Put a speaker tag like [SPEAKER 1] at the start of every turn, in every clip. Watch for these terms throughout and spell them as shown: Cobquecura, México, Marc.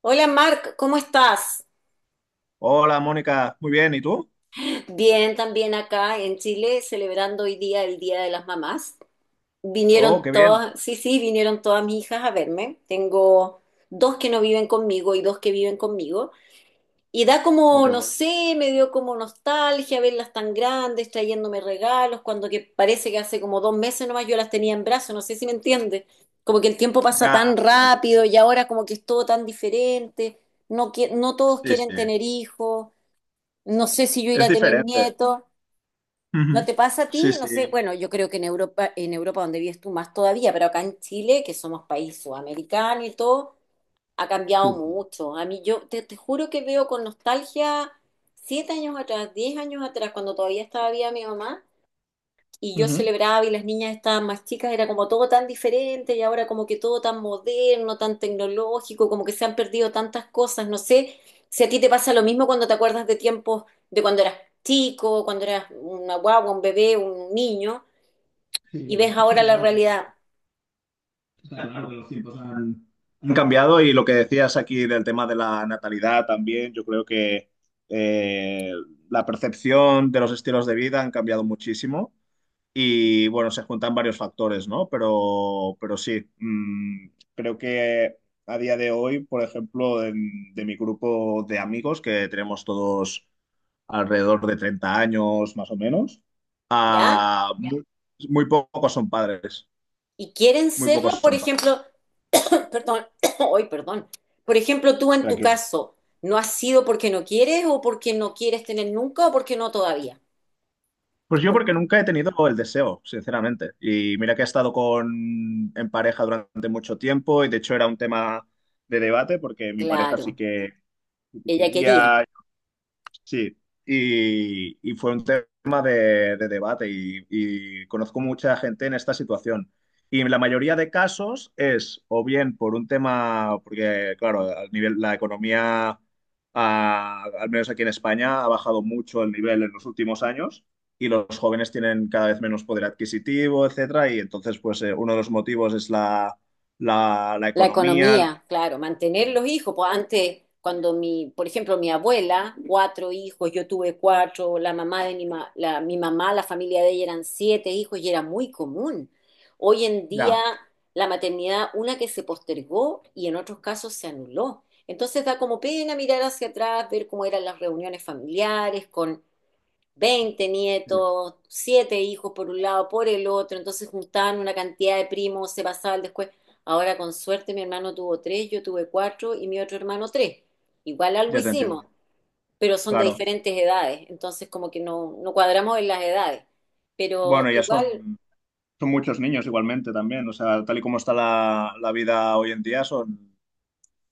[SPEAKER 1] Hola Marc, ¿cómo estás?
[SPEAKER 2] Hola, Mónica. Muy bien. ¿Y tú?
[SPEAKER 1] Bien, también acá en Chile, celebrando hoy día el Día de las Mamás.
[SPEAKER 2] Oh,
[SPEAKER 1] Vinieron
[SPEAKER 2] qué bien.
[SPEAKER 1] todas, sí, sí, vinieron todas mis hijas a verme. Tengo dos que no viven conmigo y dos que viven conmigo. Y da
[SPEAKER 2] Oh,
[SPEAKER 1] como,
[SPEAKER 2] qué
[SPEAKER 1] no
[SPEAKER 2] bueno.
[SPEAKER 1] sé, me dio como nostalgia verlas tan grandes, trayéndome regalos, cuando que parece que hace como 2 meses nomás yo las tenía en brazos, no sé si me entiendes. Como que el tiempo
[SPEAKER 2] Ya,
[SPEAKER 1] pasa tan
[SPEAKER 2] ya, ya, ya.
[SPEAKER 1] rápido y ahora como que es todo tan diferente. No, no todos
[SPEAKER 2] Sí,
[SPEAKER 1] quieren
[SPEAKER 2] sí.
[SPEAKER 1] tener hijos. No sé si yo iré
[SPEAKER 2] Es
[SPEAKER 1] a tener
[SPEAKER 2] diferente.
[SPEAKER 1] nietos. ¿No
[SPEAKER 2] Ujú.
[SPEAKER 1] te pasa a
[SPEAKER 2] Sí,
[SPEAKER 1] ti? No
[SPEAKER 2] sí.
[SPEAKER 1] sé. Bueno, yo creo que en Europa donde vives tú más todavía, pero acá en Chile, que somos país sudamericano y todo, ha
[SPEAKER 2] Sí,
[SPEAKER 1] cambiado
[SPEAKER 2] sí.
[SPEAKER 1] mucho. A mí yo te juro que veo con nostalgia 7 años atrás, 10 años atrás, cuando todavía estaba viva mi mamá, y yo
[SPEAKER 2] Ujú.
[SPEAKER 1] celebraba y las niñas estaban más chicas, era como todo tan diferente y ahora como que todo tan moderno, tan tecnológico, como que se han perdido tantas cosas, no sé si a ti te pasa lo mismo cuando te acuerdas de tiempos de cuando eras chico, cuando eras una guagua, un bebé, un niño y
[SPEAKER 2] Sí,
[SPEAKER 1] ves ahora la
[SPEAKER 2] no,
[SPEAKER 1] realidad.
[SPEAKER 2] está claro que los tiempos han cambiado, y lo que decías aquí del tema de la natalidad también. Yo creo que eh, la percepción de los estilos de vida han cambiado muchísimo. Y bueno, se juntan varios factores, ¿no? Pero sí, creo que a día de hoy, por ejemplo, de mi grupo de amigos, que tenemos todos alrededor de 30 años más o menos,
[SPEAKER 1] ¿Ya?
[SPEAKER 2] muy, muy pocos son padres,
[SPEAKER 1] Y quieren
[SPEAKER 2] muy pocos
[SPEAKER 1] serlo, por
[SPEAKER 2] son padres.
[SPEAKER 1] ejemplo, perdón, hoy perdón. Por ejemplo, tú en tu
[SPEAKER 2] Tranquilo.
[SPEAKER 1] caso, ¿no has sido porque no quieres o porque no quieres tener nunca o porque no todavía?
[SPEAKER 2] Pues yo
[SPEAKER 1] Por-
[SPEAKER 2] porque nunca he tenido el deseo, sinceramente. Y mira que he estado en pareja durante mucho tiempo, y de hecho era un tema de debate porque mi pareja sí
[SPEAKER 1] claro,
[SPEAKER 2] que sí que
[SPEAKER 1] ella quería.
[SPEAKER 2] quería. Sí, y fue un tema de debate, y conozco mucha gente en esta situación. Y la mayoría de casos es o bien por un tema, porque claro, al nivel, la economía, al menos aquí en España, ha bajado mucho el nivel en los últimos años, y los jóvenes tienen cada vez menos poder adquisitivo, etcétera. Y entonces, pues uno de los motivos es la
[SPEAKER 1] La
[SPEAKER 2] economía.
[SPEAKER 1] economía, claro, mantener los hijos. Pues antes, cuando mi, por ejemplo, mi abuela, cuatro hijos, yo tuve cuatro, la mamá de mi mamá, la familia de ella eran siete hijos y era muy común. Hoy en día,
[SPEAKER 2] Ya,
[SPEAKER 1] la maternidad, una que se postergó y en otros casos se anuló. Entonces da como pena mirar hacia atrás, ver cómo eran las reuniones familiares con 20 nietos, siete hijos por un lado, por el otro, entonces juntaban una cantidad de primos, se pasaba el después. Ahora con suerte mi hermano tuvo tres, yo tuve cuatro y mi otro hermano tres. Igual algo
[SPEAKER 2] ya te entiendo.
[SPEAKER 1] hicimos, pero son de
[SPEAKER 2] Claro.
[SPEAKER 1] diferentes edades, entonces como que no cuadramos en las edades, pero
[SPEAKER 2] Bueno, ya
[SPEAKER 1] igual
[SPEAKER 2] son. Son muchos niños igualmente también, o sea, tal y como está la vida hoy en día, son,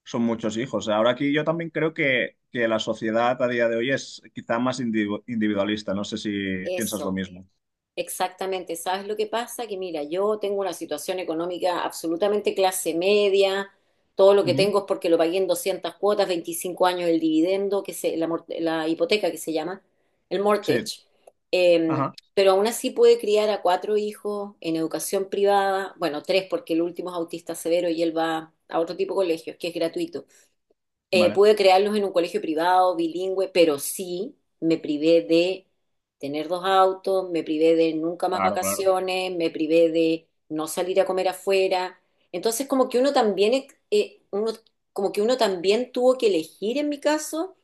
[SPEAKER 2] son muchos hijos. Ahora aquí yo también creo que la sociedad a día de hoy es quizá más individualista. No sé si piensas lo
[SPEAKER 1] eso.
[SPEAKER 2] mismo.
[SPEAKER 1] Exactamente, ¿sabes lo que pasa? Que mira, yo tengo una situación económica absolutamente clase media, todo lo que
[SPEAKER 2] Ujú,
[SPEAKER 1] tengo es porque lo pagué en 200 cuotas, 25 años el dividendo, que se, la, la hipoteca que se llama, el
[SPEAKER 2] sí,
[SPEAKER 1] mortgage. Eh,
[SPEAKER 2] ajá,
[SPEAKER 1] pero aún así pude criar a cuatro hijos en educación privada, bueno, tres porque el último es autista severo y él va a otro tipo de colegios, que es gratuito.
[SPEAKER 2] vale,
[SPEAKER 1] Pude crearlos en un colegio privado, bilingüe, pero sí me privé de tener dos autos, me privé de nunca más
[SPEAKER 2] claro, claro.
[SPEAKER 1] vacaciones, me privé de no salir a comer afuera. Entonces, como que uno también tuvo que elegir en mi caso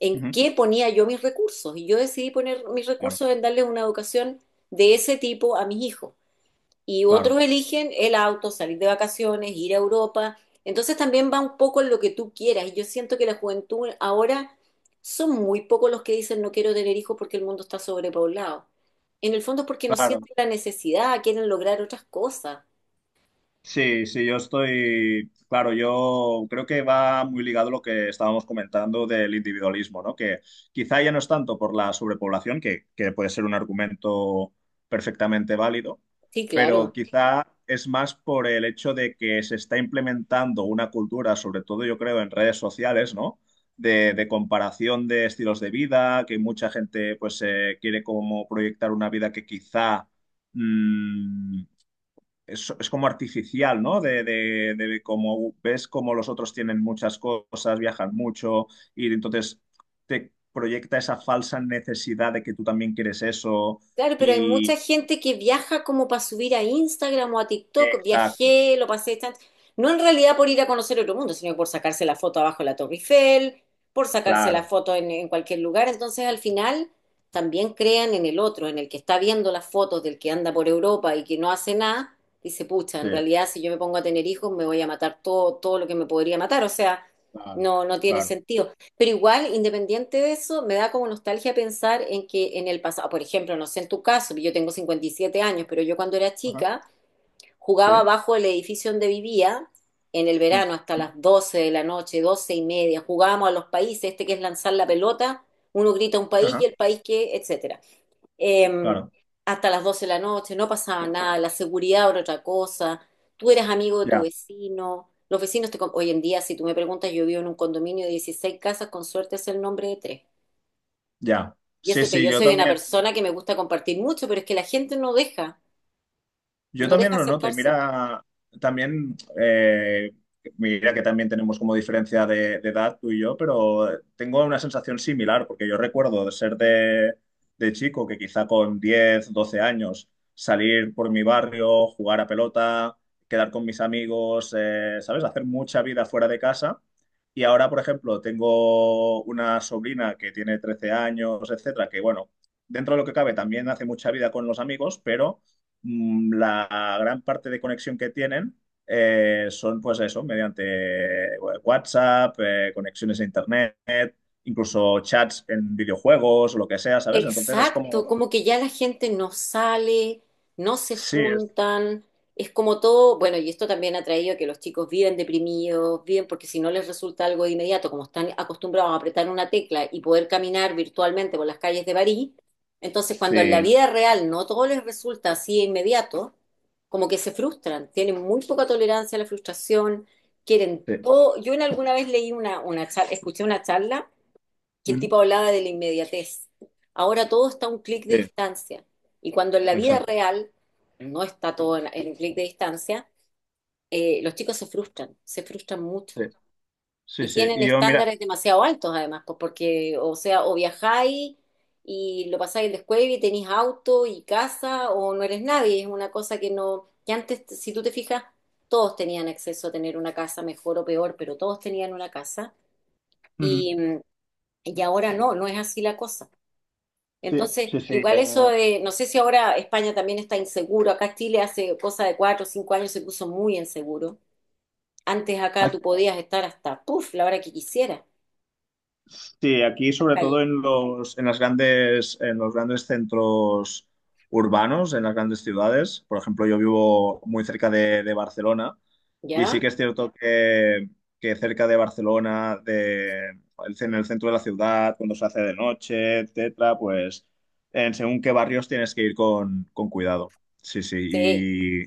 [SPEAKER 1] en
[SPEAKER 2] Ujú,
[SPEAKER 1] qué ponía yo mis recursos. Y yo decidí poner mis
[SPEAKER 2] claro,
[SPEAKER 1] recursos en darles una educación de ese tipo a mis hijos y otros
[SPEAKER 2] claro,
[SPEAKER 1] eligen el auto, salir de vacaciones, ir a Europa. Entonces también va un poco en lo que tú quieras. Y yo siento que la juventud ahora son muy pocos los que dicen no quiero tener hijos porque el mundo está sobrepoblado. En el fondo es porque no
[SPEAKER 2] claro.
[SPEAKER 1] sienten la necesidad, quieren lograr otras cosas.
[SPEAKER 2] Sí, sí, yo estoy, claro, yo creo que va muy ligado a lo que estábamos comentando del individualismo, ¿no? Que quizá ya no es tanto por la sobrepoblación, que puede ser un argumento perfectamente válido,
[SPEAKER 1] Sí,
[SPEAKER 2] pero
[SPEAKER 1] claro.
[SPEAKER 2] quizá es más por el hecho de que se está implementando una cultura, sobre todo yo creo en redes sociales, ¿no? De comparación de estilos de vida, que mucha gente pues quiere como proyectar una vida que quizá... mm, es como artificial, ¿no? De como ves como los otros tienen muchas cosas, viajan mucho, y entonces te proyecta esa falsa necesidad de que tú también quieres eso
[SPEAKER 1] Claro, pero hay mucha
[SPEAKER 2] y...
[SPEAKER 1] gente que viaja como para subir a Instagram o a TikTok.
[SPEAKER 2] Exacto,
[SPEAKER 1] Viajé, lo pasé tan... No en realidad por ir a conocer otro mundo, sino por sacarse la foto abajo de la Torre Eiffel, por sacarse la
[SPEAKER 2] claro,
[SPEAKER 1] foto en cualquier lugar. Entonces, al final, también crean en el otro, en el que está viendo las fotos del que anda por Europa y que no hace nada. Dice, pucha,
[SPEAKER 2] sí,
[SPEAKER 1] en realidad, si yo me pongo a tener hijos, me voy a matar todo, todo lo que me podría matar. O sea,
[SPEAKER 2] claro,
[SPEAKER 1] no, no tiene
[SPEAKER 2] claro.
[SPEAKER 1] sentido. Pero igual, independiente de eso, me da como nostalgia pensar en que en el pasado, por ejemplo, no sé en tu caso, yo tengo 57 años, pero yo cuando era
[SPEAKER 2] Ajá,
[SPEAKER 1] chica
[SPEAKER 2] sí,
[SPEAKER 1] jugaba bajo el edificio donde vivía en el
[SPEAKER 2] mm,
[SPEAKER 1] verano hasta las 12 de la noche, 12:30, jugábamos a los países, este que es lanzar la pelota, uno grita un país y
[SPEAKER 2] ajá,
[SPEAKER 1] el país que, etcétera, eh,
[SPEAKER 2] claro,
[SPEAKER 1] hasta las 12 de la noche, no pasaba nada, la seguridad era otra cosa, tú eras amigo de tu
[SPEAKER 2] ya,
[SPEAKER 1] vecino, los vecinos Hoy en día, si tú me preguntas, yo vivo en un condominio de 16 casas, con suerte es el nombre de tres.
[SPEAKER 2] ya.
[SPEAKER 1] Y
[SPEAKER 2] Sí,
[SPEAKER 1] eso que
[SPEAKER 2] sí,
[SPEAKER 1] yo
[SPEAKER 2] yo
[SPEAKER 1] soy una
[SPEAKER 2] también.
[SPEAKER 1] persona que me gusta compartir mucho, pero es que la gente no deja,
[SPEAKER 2] Yo
[SPEAKER 1] no
[SPEAKER 2] también
[SPEAKER 1] deja
[SPEAKER 2] lo noto, y
[SPEAKER 1] acercarse.
[SPEAKER 2] mira, también, mira que también tenemos como diferencia de edad tú y yo, pero tengo una sensación similar, porque yo recuerdo de ser de chico, que quizá con 10 12 años salir por mi barrio, jugar a pelota, quedar con mis amigos, ¿sabes? Hacer mucha vida fuera de casa. Y ahora, por ejemplo, tengo una sobrina que tiene 13 años, etcétera, que bueno, dentro de lo que cabe también hace mucha vida con los amigos, pero la gran parte de conexión que tienen son pues eso, mediante eh, WhatsApp, conexiones a Internet, incluso chats en videojuegos o lo que sea, ¿sabes? Entonces es
[SPEAKER 1] Exacto,
[SPEAKER 2] como,
[SPEAKER 1] como que ya la gente no sale, no se
[SPEAKER 2] sí,
[SPEAKER 1] juntan, es como todo, bueno, y esto también ha traído a que los chicos viven deprimidos, viven porque si no les resulta algo de inmediato, como están acostumbrados a apretar una tecla y poder caminar virtualmente por las calles de París, entonces cuando en la
[SPEAKER 2] sí,
[SPEAKER 1] vida real no todo les resulta así de inmediato, como que se frustran, tienen muy poca tolerancia a la frustración, quieren
[SPEAKER 2] sí.
[SPEAKER 1] todo. Yo en alguna vez leí una charla, escuché una charla que el
[SPEAKER 2] Ujú.
[SPEAKER 1] tipo hablaba de la inmediatez. Ahora todo está a un clic de
[SPEAKER 2] Sí,
[SPEAKER 1] distancia. Y cuando en la vida
[SPEAKER 2] exacto,
[SPEAKER 1] real no está todo en un clic de distancia, los chicos se frustran
[SPEAKER 2] sí,
[SPEAKER 1] mucho.
[SPEAKER 2] sí,
[SPEAKER 1] Y
[SPEAKER 2] sí.
[SPEAKER 1] tienen
[SPEAKER 2] Y yo, mira,
[SPEAKER 1] estándares demasiado altos además, pues porque, o sea, o viajáis y lo pasáis en la escuela y tenéis auto y casa, o no eres nadie. Es una cosa que no, que antes, si tú te fijas, todos tenían acceso a tener una casa, mejor o peor, pero todos tenían una casa.
[SPEAKER 2] ujú,
[SPEAKER 1] Y, mm, y ahora no, no es así la cosa.
[SPEAKER 2] sí,
[SPEAKER 1] Entonces,
[SPEAKER 2] sí, sí.
[SPEAKER 1] igual eso de, no sé si ahora España también está inseguro, acá Chile hace cosa de 4 o 5 años se puso muy inseguro. Antes acá
[SPEAKER 2] eh,
[SPEAKER 1] tú podías estar hasta, puff, la hora que quisieras en
[SPEAKER 2] Sí, aquí
[SPEAKER 1] las
[SPEAKER 2] sobre
[SPEAKER 1] calles.
[SPEAKER 2] todo en los, en las grandes, en los grandes centros urbanos, en las grandes ciudades. Por ejemplo, yo vivo muy cerca de Barcelona, y sí
[SPEAKER 1] ¿Ya?
[SPEAKER 2] que es cierto que cerca de Barcelona, en el centro de la ciudad, cuando se hace de noche, etcétera, pues en según qué barrios tienes que ir con cuidado. Sí,
[SPEAKER 1] Sí.
[SPEAKER 2] sí.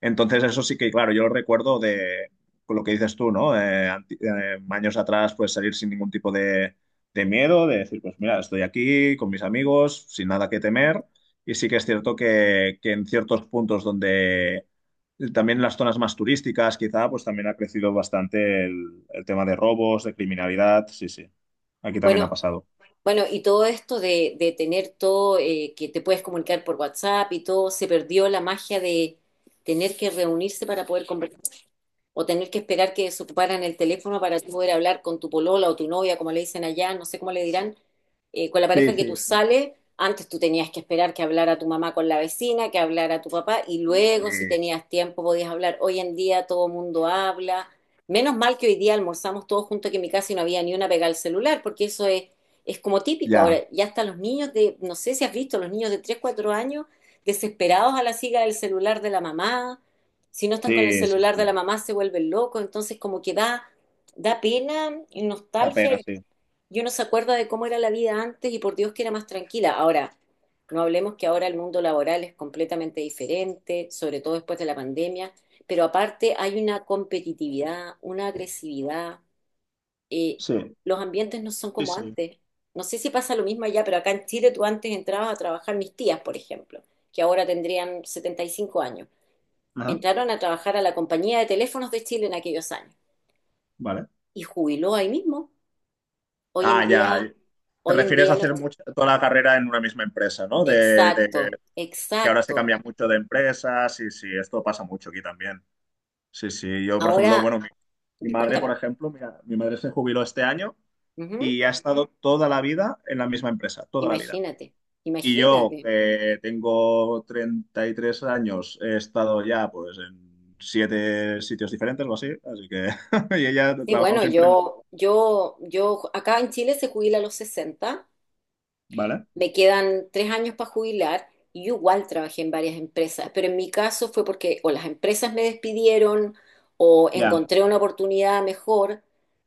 [SPEAKER 2] Entonces, eso sí que, claro, yo lo recuerdo de con lo que dices tú, ¿no? Años atrás, pues salir sin ningún tipo de miedo, de decir, pues mira, estoy aquí con mis amigos, sin nada que temer. Y sí que es cierto que en ciertos puntos donde también en las zonas más turísticas, quizá, pues también ha crecido bastante el tema de robos, de criminalidad. Sí, sí. Aquí también ha
[SPEAKER 1] Bueno,
[SPEAKER 2] pasado.
[SPEAKER 1] bueno, y todo esto de tener todo, que te puedes comunicar por WhatsApp y todo, se perdió la magia de tener que reunirse para poder conversar, o tener que esperar que desocuparan el teléfono para tú poder hablar con tu polola o tu novia, como le dicen allá, no sé cómo le dirán, con la
[SPEAKER 2] Sí,
[SPEAKER 1] pareja que tú
[SPEAKER 2] sí.
[SPEAKER 1] sales, antes tú tenías que esperar que hablara tu mamá con la vecina, que hablara tu papá, y
[SPEAKER 2] Sí,
[SPEAKER 1] luego si tenías tiempo podías hablar. Hoy en día todo el mundo habla. Menos mal que hoy día almorzamos todos juntos que en mi casa y no había ni una pegada al celular, porque eso es como típico.
[SPEAKER 2] ya.
[SPEAKER 1] Ahora, ya hasta los niños de, no sé si has visto, los niños de 3 4 años desesperados a la siga del celular de la mamá, si no están con el
[SPEAKER 2] Sí, sí,
[SPEAKER 1] celular de la
[SPEAKER 2] sí.
[SPEAKER 1] mamá se vuelven locos, entonces como que da pena y
[SPEAKER 2] Da
[SPEAKER 1] nostalgia
[SPEAKER 2] pena,
[SPEAKER 1] y
[SPEAKER 2] sí.
[SPEAKER 1] y uno se acuerda de cómo era la vida antes y por Dios que era más tranquila. Ahora, no hablemos que ahora el mundo laboral es completamente diferente, sobre todo después de la pandemia, pero aparte hay una competitividad, una agresividad, eh,
[SPEAKER 2] Sí,
[SPEAKER 1] los ambientes no son
[SPEAKER 2] sí,
[SPEAKER 1] como
[SPEAKER 2] sí.
[SPEAKER 1] antes. No sé si pasa lo mismo allá, pero acá en Chile tú antes entrabas a trabajar mis tías, por ejemplo, que ahora tendrían 75 años,
[SPEAKER 2] Ajá.
[SPEAKER 1] entraron a trabajar a la compañía de teléfonos de Chile en aquellos años
[SPEAKER 2] Vale.
[SPEAKER 1] y jubiló ahí mismo. Hoy
[SPEAKER 2] Ah,
[SPEAKER 1] en
[SPEAKER 2] ya.
[SPEAKER 1] día,
[SPEAKER 2] Te
[SPEAKER 1] hoy en
[SPEAKER 2] refieres a
[SPEAKER 1] día los chicos.
[SPEAKER 2] toda la carrera en una misma empresa, ¿no? De
[SPEAKER 1] Exacto,
[SPEAKER 2] que ahora se
[SPEAKER 1] exacto.
[SPEAKER 2] cambia mucho de empresa. Sí, sí, esto pasa mucho aquí también. Sí, sí. Yo, por ejemplo,
[SPEAKER 1] Ahora,
[SPEAKER 2] bueno, mi madre,
[SPEAKER 1] cuéntame.
[SPEAKER 2] por ejemplo, mira, mi madre se jubiló este año,
[SPEAKER 1] Ujú.
[SPEAKER 2] y ha estado toda la vida en la misma empresa, toda la vida.
[SPEAKER 1] Imagínate,
[SPEAKER 2] Y yo
[SPEAKER 1] imagínate.
[SPEAKER 2] tengo 33 años, he estado ya pues en siete sitios diferentes o así, así que y ella ha
[SPEAKER 1] Y
[SPEAKER 2] trabajado
[SPEAKER 1] bueno,
[SPEAKER 2] siempre en la...
[SPEAKER 1] acá en Chile se jubila a los 60,
[SPEAKER 2] ¿Vale?
[SPEAKER 1] me quedan 3 años para jubilar y yo igual trabajé en varias empresas, pero en mi caso fue porque o las empresas me despidieron o
[SPEAKER 2] Ya.
[SPEAKER 1] encontré una oportunidad mejor,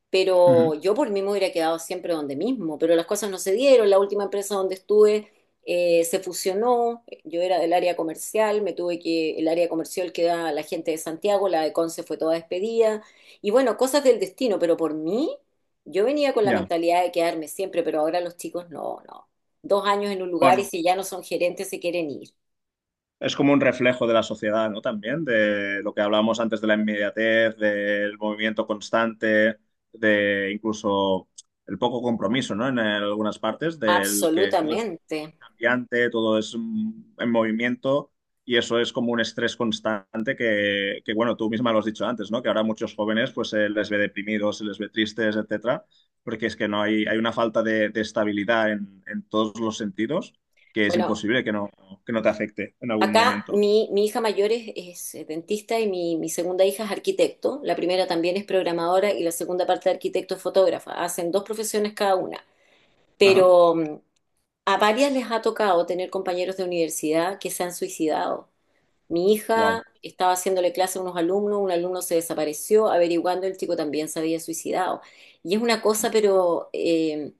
[SPEAKER 1] pero
[SPEAKER 2] Ujú.
[SPEAKER 1] yo por mí me hubiera quedado siempre donde mismo, pero las cosas no se dieron, la última empresa donde estuve se fusionó, yo era del área comercial, me tuve que, el área comercial queda la gente de Santiago, la de Conce fue toda despedida, y bueno, cosas del destino, pero por mí... Yo venía con la
[SPEAKER 2] Ya.
[SPEAKER 1] mentalidad de quedarme siempre, pero ahora los chicos no, no, 2 años en un lugar y
[SPEAKER 2] Bueno,
[SPEAKER 1] si ya no son gerentes se quieren ir.
[SPEAKER 2] es como un reflejo de la sociedad, ¿no? También de lo que hablábamos antes de la inmediatez, del movimiento constante, de incluso el poco compromiso, ¿no? En algunas partes del que todo
[SPEAKER 1] Absolutamente.
[SPEAKER 2] brillante, todo es en movimiento, y eso es como un estrés constante que, bueno, tú misma lo has dicho antes, ¿no? Que ahora muchos jóvenes pues se les ve deprimidos, se les ve tristes, etcétera, porque es que no hay, hay una falta de estabilidad en todos los sentidos, que es
[SPEAKER 1] Bueno,
[SPEAKER 2] imposible que no te afecte en algún
[SPEAKER 1] acá
[SPEAKER 2] momento.
[SPEAKER 1] mi hija mayor es, es dentista y mi segunda hija es arquitecto. La primera también es programadora y la segunda parte de arquitecto es fotógrafa. Hacen dos profesiones cada una.
[SPEAKER 2] Ajá.
[SPEAKER 1] Pero a varias les ha tocado tener compañeros de universidad que se han suicidado. Mi
[SPEAKER 2] Wow.
[SPEAKER 1] hija estaba haciéndole clase a unos alumnos, un alumno se desapareció, averiguando el chico también se había suicidado. Y es una cosa, pero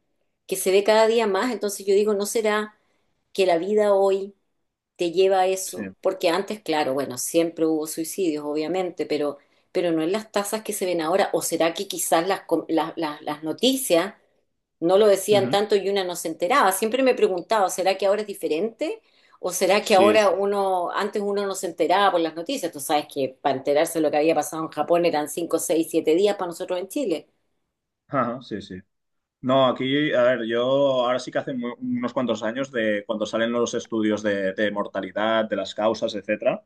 [SPEAKER 1] que se ve cada día más, entonces yo digo, ¿no será que la vida hoy te lleva a
[SPEAKER 2] Sí.
[SPEAKER 1] eso? Porque antes, claro, bueno, siempre hubo suicidios, obviamente, pero no en las tasas que se ven ahora, o será que quizás las, com- las noticias no lo decían
[SPEAKER 2] Ujú.
[SPEAKER 1] tanto y una no se enteraba. Siempre me he preguntado, ¿será que ahora es diferente? ¿O será que
[SPEAKER 2] Sí,
[SPEAKER 1] ahora uno, antes uno no se enteraba por las noticias? Tú sabes que para enterarse de lo que había pasado en Japón eran 5, 6, 7 días para nosotros en Chile.
[SPEAKER 2] ajá, sí, sí. No, aquí, a ver, yo ahora sí que hace unos cuantos años de cuando salen los estudios de mortalidad, de las causas, etcétera,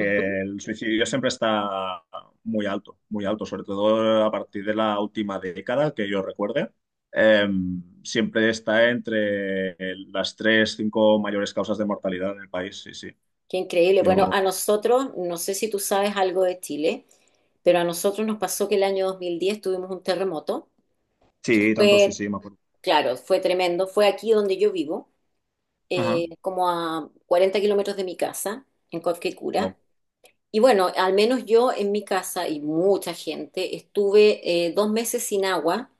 [SPEAKER 1] Ujú.
[SPEAKER 2] el suicidio siempre está muy alto, sobre todo a partir de la última década que yo recuerde. Eh, siempre está entre las tres, cinco mayores causas de mortalidad en el país, sí, sí.
[SPEAKER 1] Qué increíble.
[SPEAKER 2] Yo,
[SPEAKER 1] Bueno, a nosotros, no sé si tú sabes algo de Chile, pero a nosotros nos pasó que el año 2010 tuvimos un terremoto, que
[SPEAKER 2] sí, tanto sí,
[SPEAKER 1] fue,
[SPEAKER 2] sí, me acuerdo.
[SPEAKER 1] claro, fue tremendo. Fue aquí donde yo vivo,
[SPEAKER 2] Ajá.
[SPEAKER 1] como a 40 kilómetros de mi casa, en Cobquecura.
[SPEAKER 2] Wow,
[SPEAKER 1] Y bueno, al menos yo en mi casa y mucha gente estuve 2 meses sin agua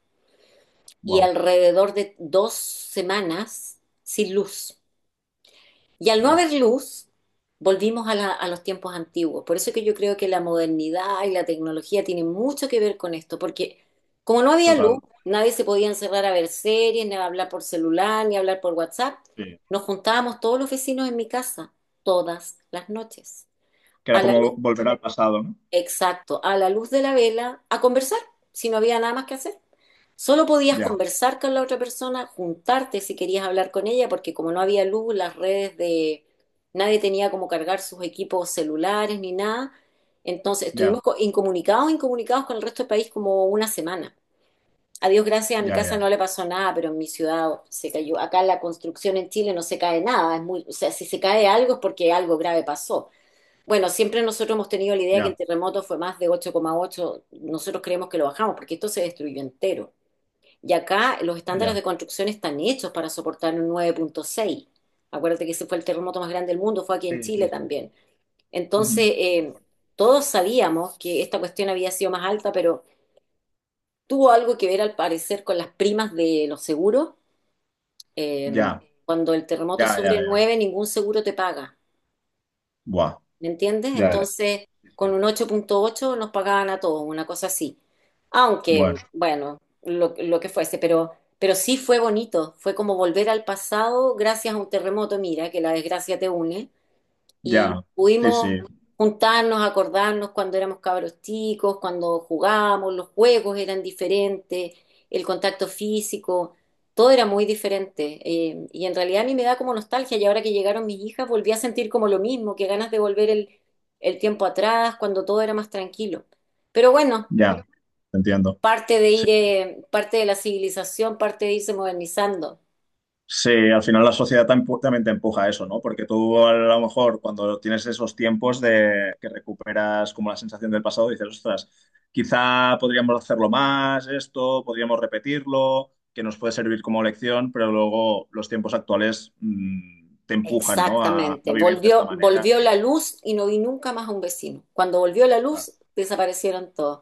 [SPEAKER 1] y
[SPEAKER 2] wow,
[SPEAKER 1] alrededor de 2 semanas sin luz. Y al no
[SPEAKER 2] buah,
[SPEAKER 1] haber luz, volvimos a los tiempos antiguos. Por eso que yo creo que la modernidad y la tecnología tienen mucho que ver con esto, porque como no había luz,
[SPEAKER 2] total,
[SPEAKER 1] nadie se podía encerrar a ver series, ni a hablar por celular, ni a hablar por WhatsApp.
[SPEAKER 2] sí.
[SPEAKER 1] Nos juntábamos todos los vecinos en mi casa, todas las noches.
[SPEAKER 2] Que era
[SPEAKER 1] A la
[SPEAKER 2] como volver al pasado, ¿no?
[SPEAKER 1] Exacto, a la luz de la vela, a conversar, si no había nada más que hacer. Solo podías
[SPEAKER 2] Ya,
[SPEAKER 1] conversar con la otra persona, juntarte si querías hablar con ella, porque como no había luz, las redes de... Nadie tenía como cargar sus equipos celulares ni nada. Entonces
[SPEAKER 2] ya,
[SPEAKER 1] estuvimos incomunicados con el resto del país como una semana. A Dios gracias, a mi
[SPEAKER 2] ya,
[SPEAKER 1] casa no
[SPEAKER 2] ya.
[SPEAKER 1] le pasó nada, pero en mi ciudad se cayó. Acá la construcción en Chile no se cae nada. Es muy, o sea, si se cae algo es porque algo grave pasó. Bueno, siempre nosotros hemos tenido la idea que el
[SPEAKER 2] Ya,
[SPEAKER 1] terremoto fue más de 8,8. Nosotros creemos que lo bajamos porque esto se destruyó entero. Y acá los estándares de
[SPEAKER 2] ya.
[SPEAKER 1] construcción están hechos para soportar un 9,6. Acuérdate que ese fue el terremoto más grande del mundo, fue aquí en
[SPEAKER 2] Sí,
[SPEAKER 1] Chile
[SPEAKER 2] sí, sí.
[SPEAKER 1] también. Entonces,
[SPEAKER 2] Ujú.
[SPEAKER 1] todos sabíamos que esta cuestión había sido más alta, pero tuvo algo que ver al parecer con las primas de los seguros. Eh,
[SPEAKER 2] Ya,
[SPEAKER 1] Cuando el terremoto es
[SPEAKER 2] ya, ya,
[SPEAKER 1] sobre
[SPEAKER 2] ya.
[SPEAKER 1] 9, ningún seguro te paga.
[SPEAKER 2] Buah,
[SPEAKER 1] ¿Me entiendes?
[SPEAKER 2] ya, ya.
[SPEAKER 1] Entonces,
[SPEAKER 2] Sí,
[SPEAKER 1] con
[SPEAKER 2] sí.
[SPEAKER 1] un 8,8 nos pagaban a todos, una cosa así. Aunque,
[SPEAKER 2] Bueno,
[SPEAKER 1] bueno, lo que fuese, pero sí fue bonito. Fue como volver al pasado gracias a un terremoto, mira, que la desgracia te une y
[SPEAKER 2] ya. Sí,
[SPEAKER 1] pudimos
[SPEAKER 2] sí,
[SPEAKER 1] juntarnos, acordarnos cuando éramos cabros chicos, cuando jugábamos, los juegos eran diferentes, el contacto físico, todo era muy diferente. Y en realidad a mí me da como nostalgia y ahora que llegaron mis hijas volví a sentir como lo mismo, que ganas de volver el tiempo atrás, cuando todo era más tranquilo. Pero bueno,
[SPEAKER 2] ya. Te entiendo.
[SPEAKER 1] parte de
[SPEAKER 2] Sí.
[SPEAKER 1] ir, parte de la civilización, parte de irse modernizando.
[SPEAKER 2] Sí, al final la sociedad también te empuja a eso, ¿no? Porque tú a lo mejor cuando tienes esos tiempos de que recuperas como la sensación del pasado, dices, ostras, quizá podríamos hacerlo más, esto, podríamos repetirlo, que nos puede servir como lección, pero luego los tiempos actuales te empujan, ¿no? A
[SPEAKER 1] Exactamente.
[SPEAKER 2] vivir de esta
[SPEAKER 1] Volvió,
[SPEAKER 2] manera.
[SPEAKER 1] volvió la luz y no vi nunca más a un vecino. Cuando volvió la
[SPEAKER 2] Claro,
[SPEAKER 1] luz, desaparecieron todos.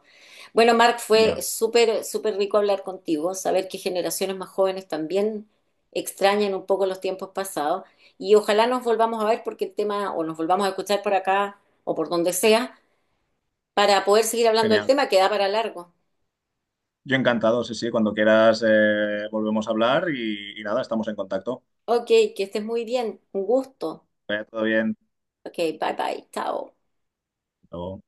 [SPEAKER 1] Bueno, Marc, fue
[SPEAKER 2] ya,
[SPEAKER 1] súper, súper rico hablar contigo, saber que generaciones más jóvenes también extrañan un poco los tiempos pasados y ojalá nos volvamos a ver porque el tema, o nos volvamos a escuchar por acá o por donde sea, para poder seguir hablando del
[SPEAKER 2] genial.
[SPEAKER 1] tema que da para largo.
[SPEAKER 2] Yo encantado, sí, sí, cuando quieras volvemos a hablar, y nada, estamos en contacto.
[SPEAKER 1] Ok, que estés muy bien. Un gusto.
[SPEAKER 2] Que vaya todo bien.
[SPEAKER 1] Ok, bye bye. Chao.
[SPEAKER 2] Hasta luego.